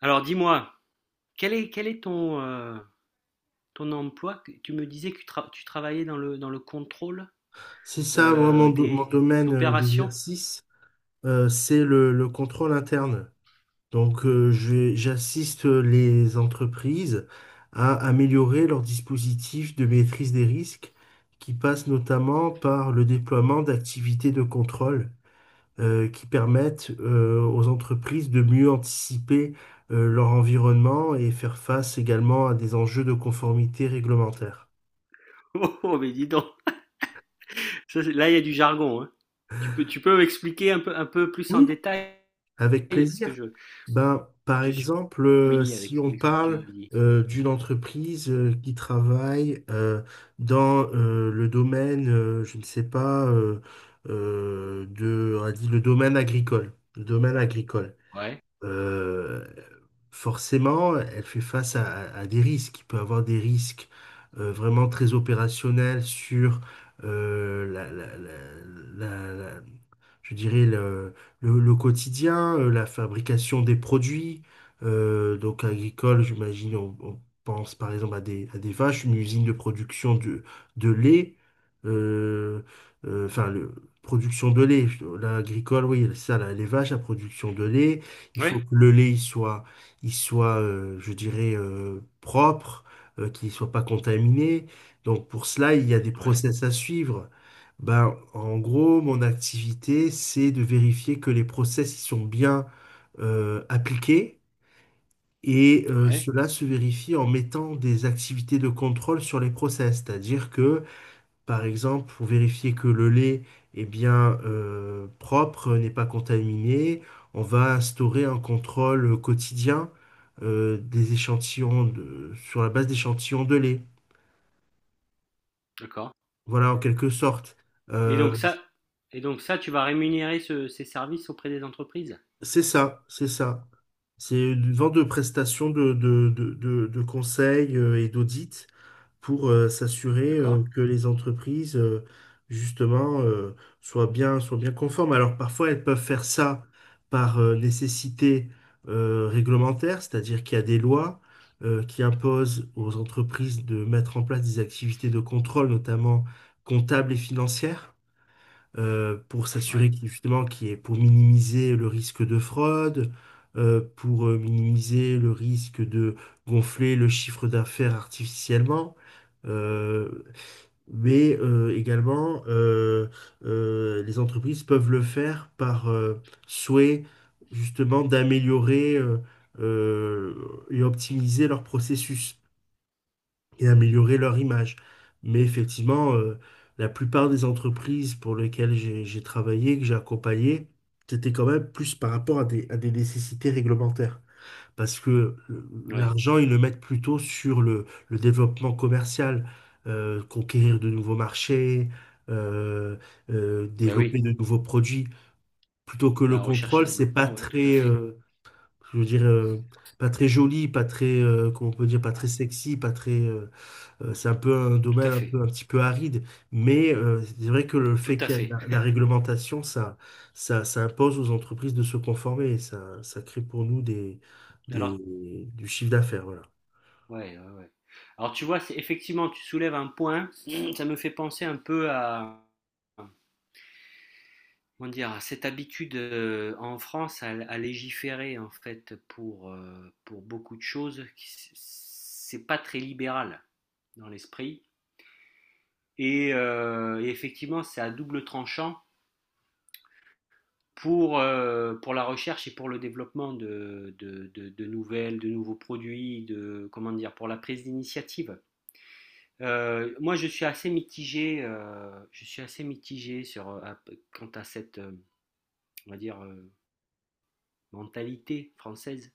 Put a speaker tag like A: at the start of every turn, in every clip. A: Alors dis-moi, quel est, quel est ton ton emploi? Tu me disais que tu travaillais dans le contrôle
B: C'est ça. Moi, mon, mon
A: des
B: domaine
A: opérations.
B: d'exercice, c'est le contrôle interne. Donc, j'assiste les entreprises à améliorer leur dispositif de maîtrise des risques, qui passe notamment par le déploiement d'activités de contrôle qui permettent aux entreprises de mieux anticiper leur environnement et faire face également à des enjeux de conformité réglementaire.
A: Oh, oh, mais dis donc, là il y a du jargon, hein. Tu peux m'expliquer un peu plus en
B: Oui,
A: détail
B: avec
A: parce que
B: plaisir. Ben, par
A: je suis
B: exemple,
A: familier
B: si on
A: avec ce que tu
B: parle
A: dis.
B: d'une entreprise qui travaille dans le domaine, je ne sais pas, de, on a dit le domaine agricole. Le domaine agricole
A: Ouais,
B: euh, forcément, elle fait face à, à des risques. Il peut avoir des risques vraiment très opérationnels sur la, la- la- je dirais le, le quotidien, la fabrication des produits. Donc agricole, j'imagine, on pense par exemple à des vaches, une usine de production de lait. euh, enfin, le, production de lait, l'agricole, oui, ça, là, les vaches, la production de lait, il
A: ouais,
B: faut que le lait il soit je dirais, propre, qu'il ne soit pas contaminé. Donc pour cela, il y a des
A: ouais,
B: process à suivre. Ben, en gros, mon activité, c'est de vérifier que les process ils sont bien appliqués. Et
A: ouais,
B: cela se vérifie en mettant des activités de contrôle sur les process, c'est-à-dire que par exemple, pour vérifier que le lait est bien propre, n'est pas contaminé, on va instaurer un contrôle quotidien des sur la base d'échantillons de lait.
A: d'accord.
B: Voilà, en quelque sorte.
A: Et donc
B: Euh,
A: ça, et donc ça, tu vas rémunérer ces services auprès des entreprises,
B: C'est ça, c'est ça. C'est une vente de prestations de conseils et d'audits pour s'assurer
A: d'accord?
B: que les entreprises, justement, soient bien conformes. Alors parfois, elles peuvent faire ça par nécessité réglementaire, c'est-à-dire qu'il y a des lois qui imposent aux entreprises de mettre en place des activités de contrôle, notamment comptables et financières pour s'assurer
A: Ouais,
B: qu'il justement qu'il y ait- pour minimiser le risque de fraude, pour minimiser le risque de gonfler le chiffre d'affaires artificiellement. Euh, mais également, les entreprises peuvent le faire par souhait justement d'améliorer euh, et optimiser leur processus et améliorer leur image. Mais effectivement, la plupart des entreprises pour lesquelles j'ai travaillé, que j'ai accompagné, c'était quand même plus par rapport à des nécessités réglementaires. Parce que
A: ouais,
B: l'argent, ils le mettent plutôt sur le développement commercial, conquérir de nouveaux marchés, euh,
A: ben
B: développer
A: oui,
B: de nouveaux produits, plutôt que le
A: la recherche et
B: contrôle, c'est pas
A: développement, ouais, tout à
B: très,
A: fait.
B: je veux dire, pas très joli, pas très, comment on peut dire, pas très sexy, pas très, c'est un peu un
A: Tout à
B: domaine un
A: fait,
B: peu, un petit peu aride, mais c'est vrai que le
A: tout
B: fait
A: à
B: qu'il y a de
A: fait.
B: la, la réglementation, ça impose aux entreprises de se conformer. Ça crée pour nous
A: Alors,
B: des, du chiffre d'affaires. Voilà.
A: ouais, ouais, ouais. Alors tu vois, c'est effectivement, tu soulèves un point, ça me fait penser un peu à, comment dire, à cette habitude en France à légiférer en fait pour pour beaucoup de choses, c'est pas très libéral dans l'esprit. Et et effectivement, c'est à double tranchant pour pour la recherche et pour le développement de nouvelles, de nouveaux produits, de, comment dire, pour la prise d'initiative. Moi, je suis assez mitigé. Je suis assez mitigé sur, quant à cette, on va dire, mentalité française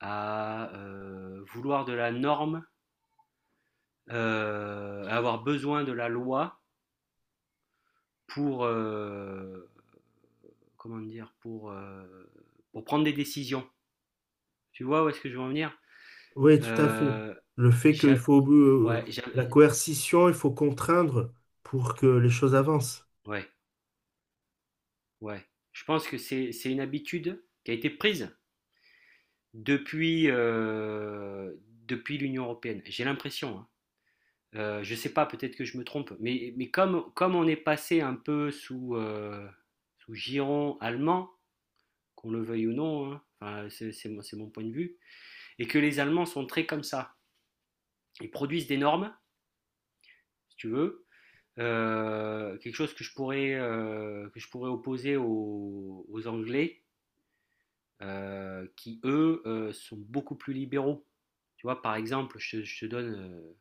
A: à vouloir de la norme, à avoir besoin de la loi pour, euh, pour pour prendre des décisions. Tu vois où est-ce que je veux en venir?
B: Oui, tout à fait.
A: Euh,
B: Le fait qu'il
A: j'a-
B: faut
A: ouais, j'a-
B: la coercition, il faut contraindre pour que les choses avancent.
A: ouais, ouais. Je pense que c'est une habitude qui a été prise depuis, euh, depuis l'Union européenne. J'ai l'impression, hein. Je ne sais pas, peut-être que je me trompe, mais comme, comme on est passé un peu sous giron allemand, qu'on le veuille ou non, hein, enfin, c'est mon point de vue, et que les Allemands sont très comme ça. Ils produisent des normes, si tu veux, quelque chose que que je pourrais opposer aux Anglais, qui eux sont beaucoup plus libéraux. Tu vois, par exemple, je te donne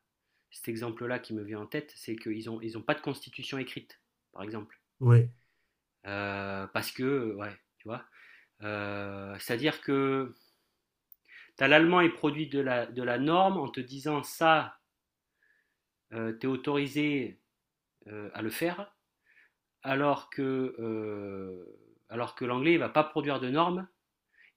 A: cet exemple-là qui me vient en tête, c'est qu'ils ont pas de constitution écrite, par exemple.
B: Oui,
A: Parce que ouais, tu vois. C'est-à-dire que t'as l'allemand est produit de la norme en te disant ça, t'es autorisé à le faire, alors que, euh, alors que l'anglais, il va pas produire de normes.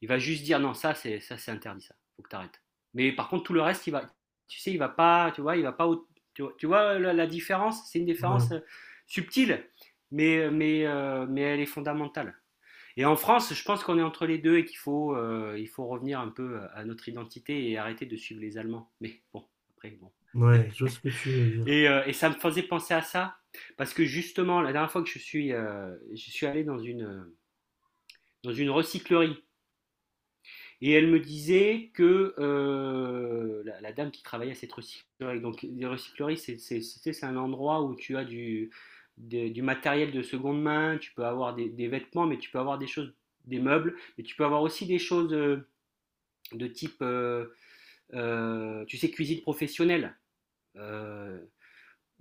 A: Il va juste dire non, ça c'est interdit, ça. Faut que t'arrêtes. Mais par contre, tout le reste, il va, tu sais, il va pas, tu vois, il va pas, tu vois la différence, c'est une
B: oui,
A: différence subtile, mais elle est fondamentale. Et en France, je pense qu'on est entre les deux et qu'il faut il faut revenir un peu à notre identité et arrêter de suivre les Allemands. Mais bon, après bon.
B: ouais, je vois ce que tu veux dire.
A: Et et ça me faisait penser à ça parce que justement, la dernière fois que je suis allé dans une recyclerie. Et elle me disait que la dame qui travaillait à cette recyclerie. Donc les recycleries, c'est un endroit où tu as du matériel de seconde main, tu peux avoir des vêtements, mais tu peux avoir des choses, des meubles, mais tu peux avoir aussi des choses de type, tu sais, cuisine professionnelle. Euh,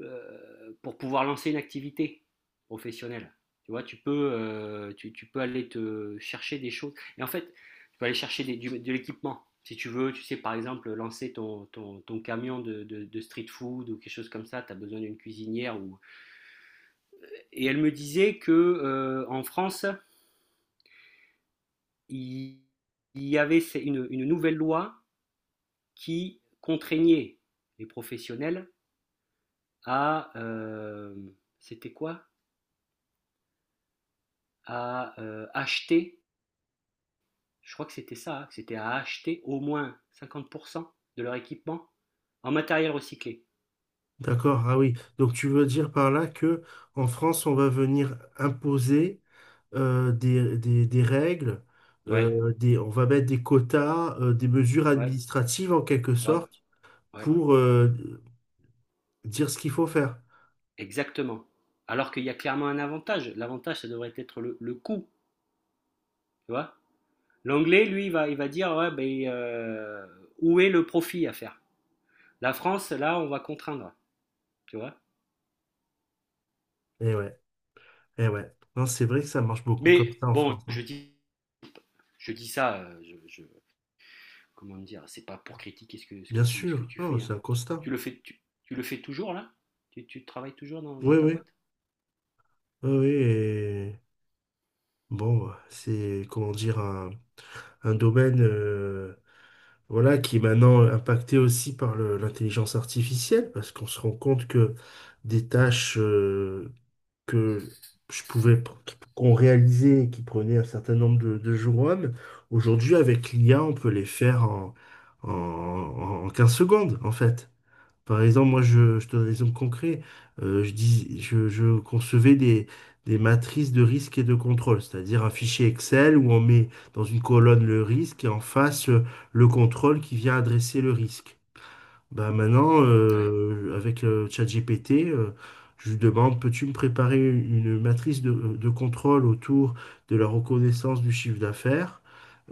A: pour pouvoir lancer une activité professionnelle. Tu vois, tu peux aller te chercher des choses. Et en fait, tu peux aller chercher de l'équipement. Si tu veux, tu sais, par exemple, lancer ton camion de street food ou quelque chose comme ça, tu as besoin d'une cuisinière. Ou... Et elle me disait que en France, il, il y avait une nouvelle loi qui contraignait les professionnels à, c'était quoi? À acheter, je crois que c'était ça, hein, c'était à acheter au moins 50% de leur équipement en matériel recyclé.
B: D'accord, ah oui. Donc tu veux dire par là que en France, on va venir imposer des, des règles,
A: Ouais,
B: des, on va mettre des quotas, des mesures
A: ouais,
B: administratives en quelque
A: ouais,
B: sorte
A: ouais,
B: pour dire ce qu'il faut faire.
A: exactement. Alors qu'il y a clairement un avantage. L'avantage, ça devrait être le coût, tu vois. L'anglais, lui, il va dire, ouais, ben, où est le profit à faire? La France, là, on va contraindre, tu vois.
B: Et ouais, et ouais. Non, c'est vrai que ça marche beaucoup comme
A: Mais
B: ça en
A: bon,
B: France, hein.
A: je dis ça, comment dire, c'est pas pour critiquer ce que,
B: Bien
A: ce que
B: sûr,
A: tu
B: non,
A: fais.
B: c'est
A: Hein.
B: un constat.
A: Tu le fais, le fais toujours là, tu travailles toujours dans
B: Oui,
A: ta
B: oui,
A: boîte.
B: oui, oui. Et bon, c'est comment dire un domaine voilà, qui est maintenant impacté aussi par l'intelligence artificielle, parce qu'on se rend compte que des tâches que je pouvais qu'on réalisait et qui prenaient un certain nombre de jours hommes, aujourd'hui avec l'IA, on peut les faire en, en 15 secondes, en fait. Par exemple, moi, je te donne un exemple concret. Je concevais des matrices de risque et de contrôle, c'est-à-dire un fichier Excel où on met dans une colonne le risque et en face le contrôle qui vient adresser le risque. Bah maintenant,
A: Ouais,
B: avec ChatGPT, je lui demande, peux-tu me préparer une matrice de contrôle autour de la reconnaissance du chiffre d'affaires?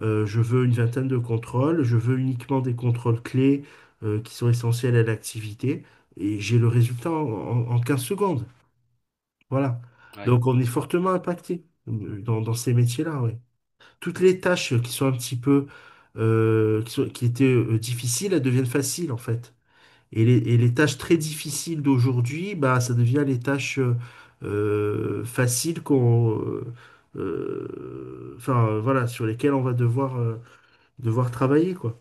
B: Je veux une vingtaine de contrôles, je veux uniquement des contrôles clés qui sont essentiels à l'activité, et j'ai le résultat en 15 secondes. Voilà.
A: ouais.
B: Donc on est fortement impacté dans, dans ces métiers-là, oui. Toutes les tâches qui sont un petit peu, qui étaient difficiles, elles deviennent faciles en fait. Et les tâches très difficiles d'aujourd'hui, bah, ça devient les tâches faciles enfin, voilà, sur lesquelles on va devoir, devoir travailler, quoi.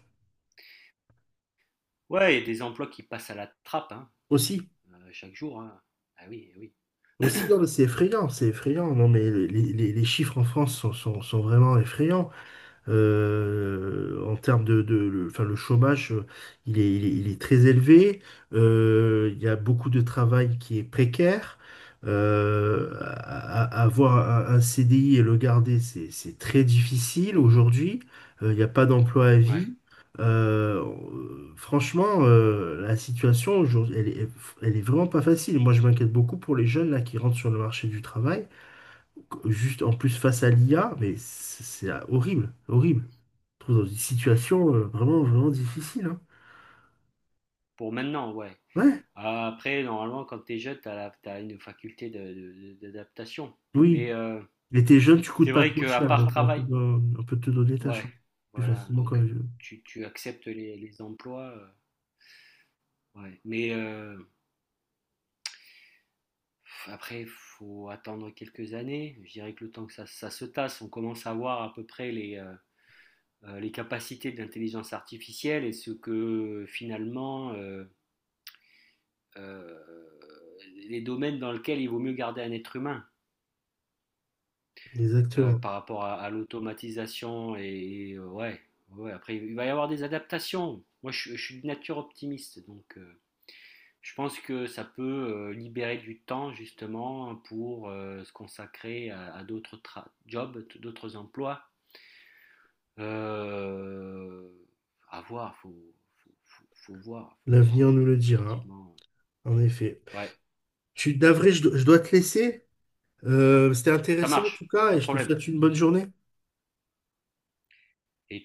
A: Ouais, il y a des emplois qui passent à la trappe, hein,
B: Aussi,
A: chaque jour. Hein. Ah oui, eh oui.
B: aussi, non, mais c'est effrayant, c'est effrayant. Non, mais les, les chiffres en France sont vraiment effrayants. En termes de, enfin, le chômage, il est très élevé. Il y a beaucoup de travail qui est précaire. Euh, a- Avoir un CDI et le garder, c'est très difficile aujourd'hui. Il n'y a pas d'emploi à
A: Ouais.
B: vie. Euh, Franchement, la situation aujourd'hui, elle est vraiment pas facile. Moi, je m'inquiète beaucoup pour les jeunes là qui rentrent sur le marché du travail, juste en plus face à l'IA, mais c'est horrible, horrible trouve dans une situation vraiment, vraiment difficile, hein.
A: Pour maintenant, ouais.
B: Ouais,
A: Ah, après, normalement, quand t'es jeune, t'as une faculté d'adaptation. Mais
B: oui. Il t'es jeune, tu coûtes
A: c'est
B: pas
A: vrai
B: trop
A: qu'à
B: cher,
A: part
B: donc
A: travail,
B: on peut te donner ta
A: ouais,
B: chance plus
A: voilà.
B: facilement
A: Donc,
B: qu'un vieux.
A: tu acceptes les emplois. Ouais. Mais après, il faut attendre quelques années. Je dirais que le temps que ça se tasse, on commence à voir à peu près les capacités de l'intelligence artificielle et ce que finalement euh, les domaines dans lesquels il vaut mieux garder un être humain
B: Exactement.
A: par rapport à l'automatisation et ouais, ouais. Après, il va y avoir des adaptations. Moi, je suis de nature optimiste, donc je pense que ça peut libérer du temps justement pour se consacrer à d'autres jobs, d'autres emplois. Euh, à voir, faut voir, faut
B: L'avenir
A: voir,
B: nous le dira,
A: effectivement.
B: en effet.
A: Ouais,
B: Tu suis, je dois te laisser. C'était
A: ça
B: intéressant en tout
A: marche,
B: cas,
A: pas
B: et
A: de
B: je te
A: problème.
B: souhaite une bonne journée.
A: Et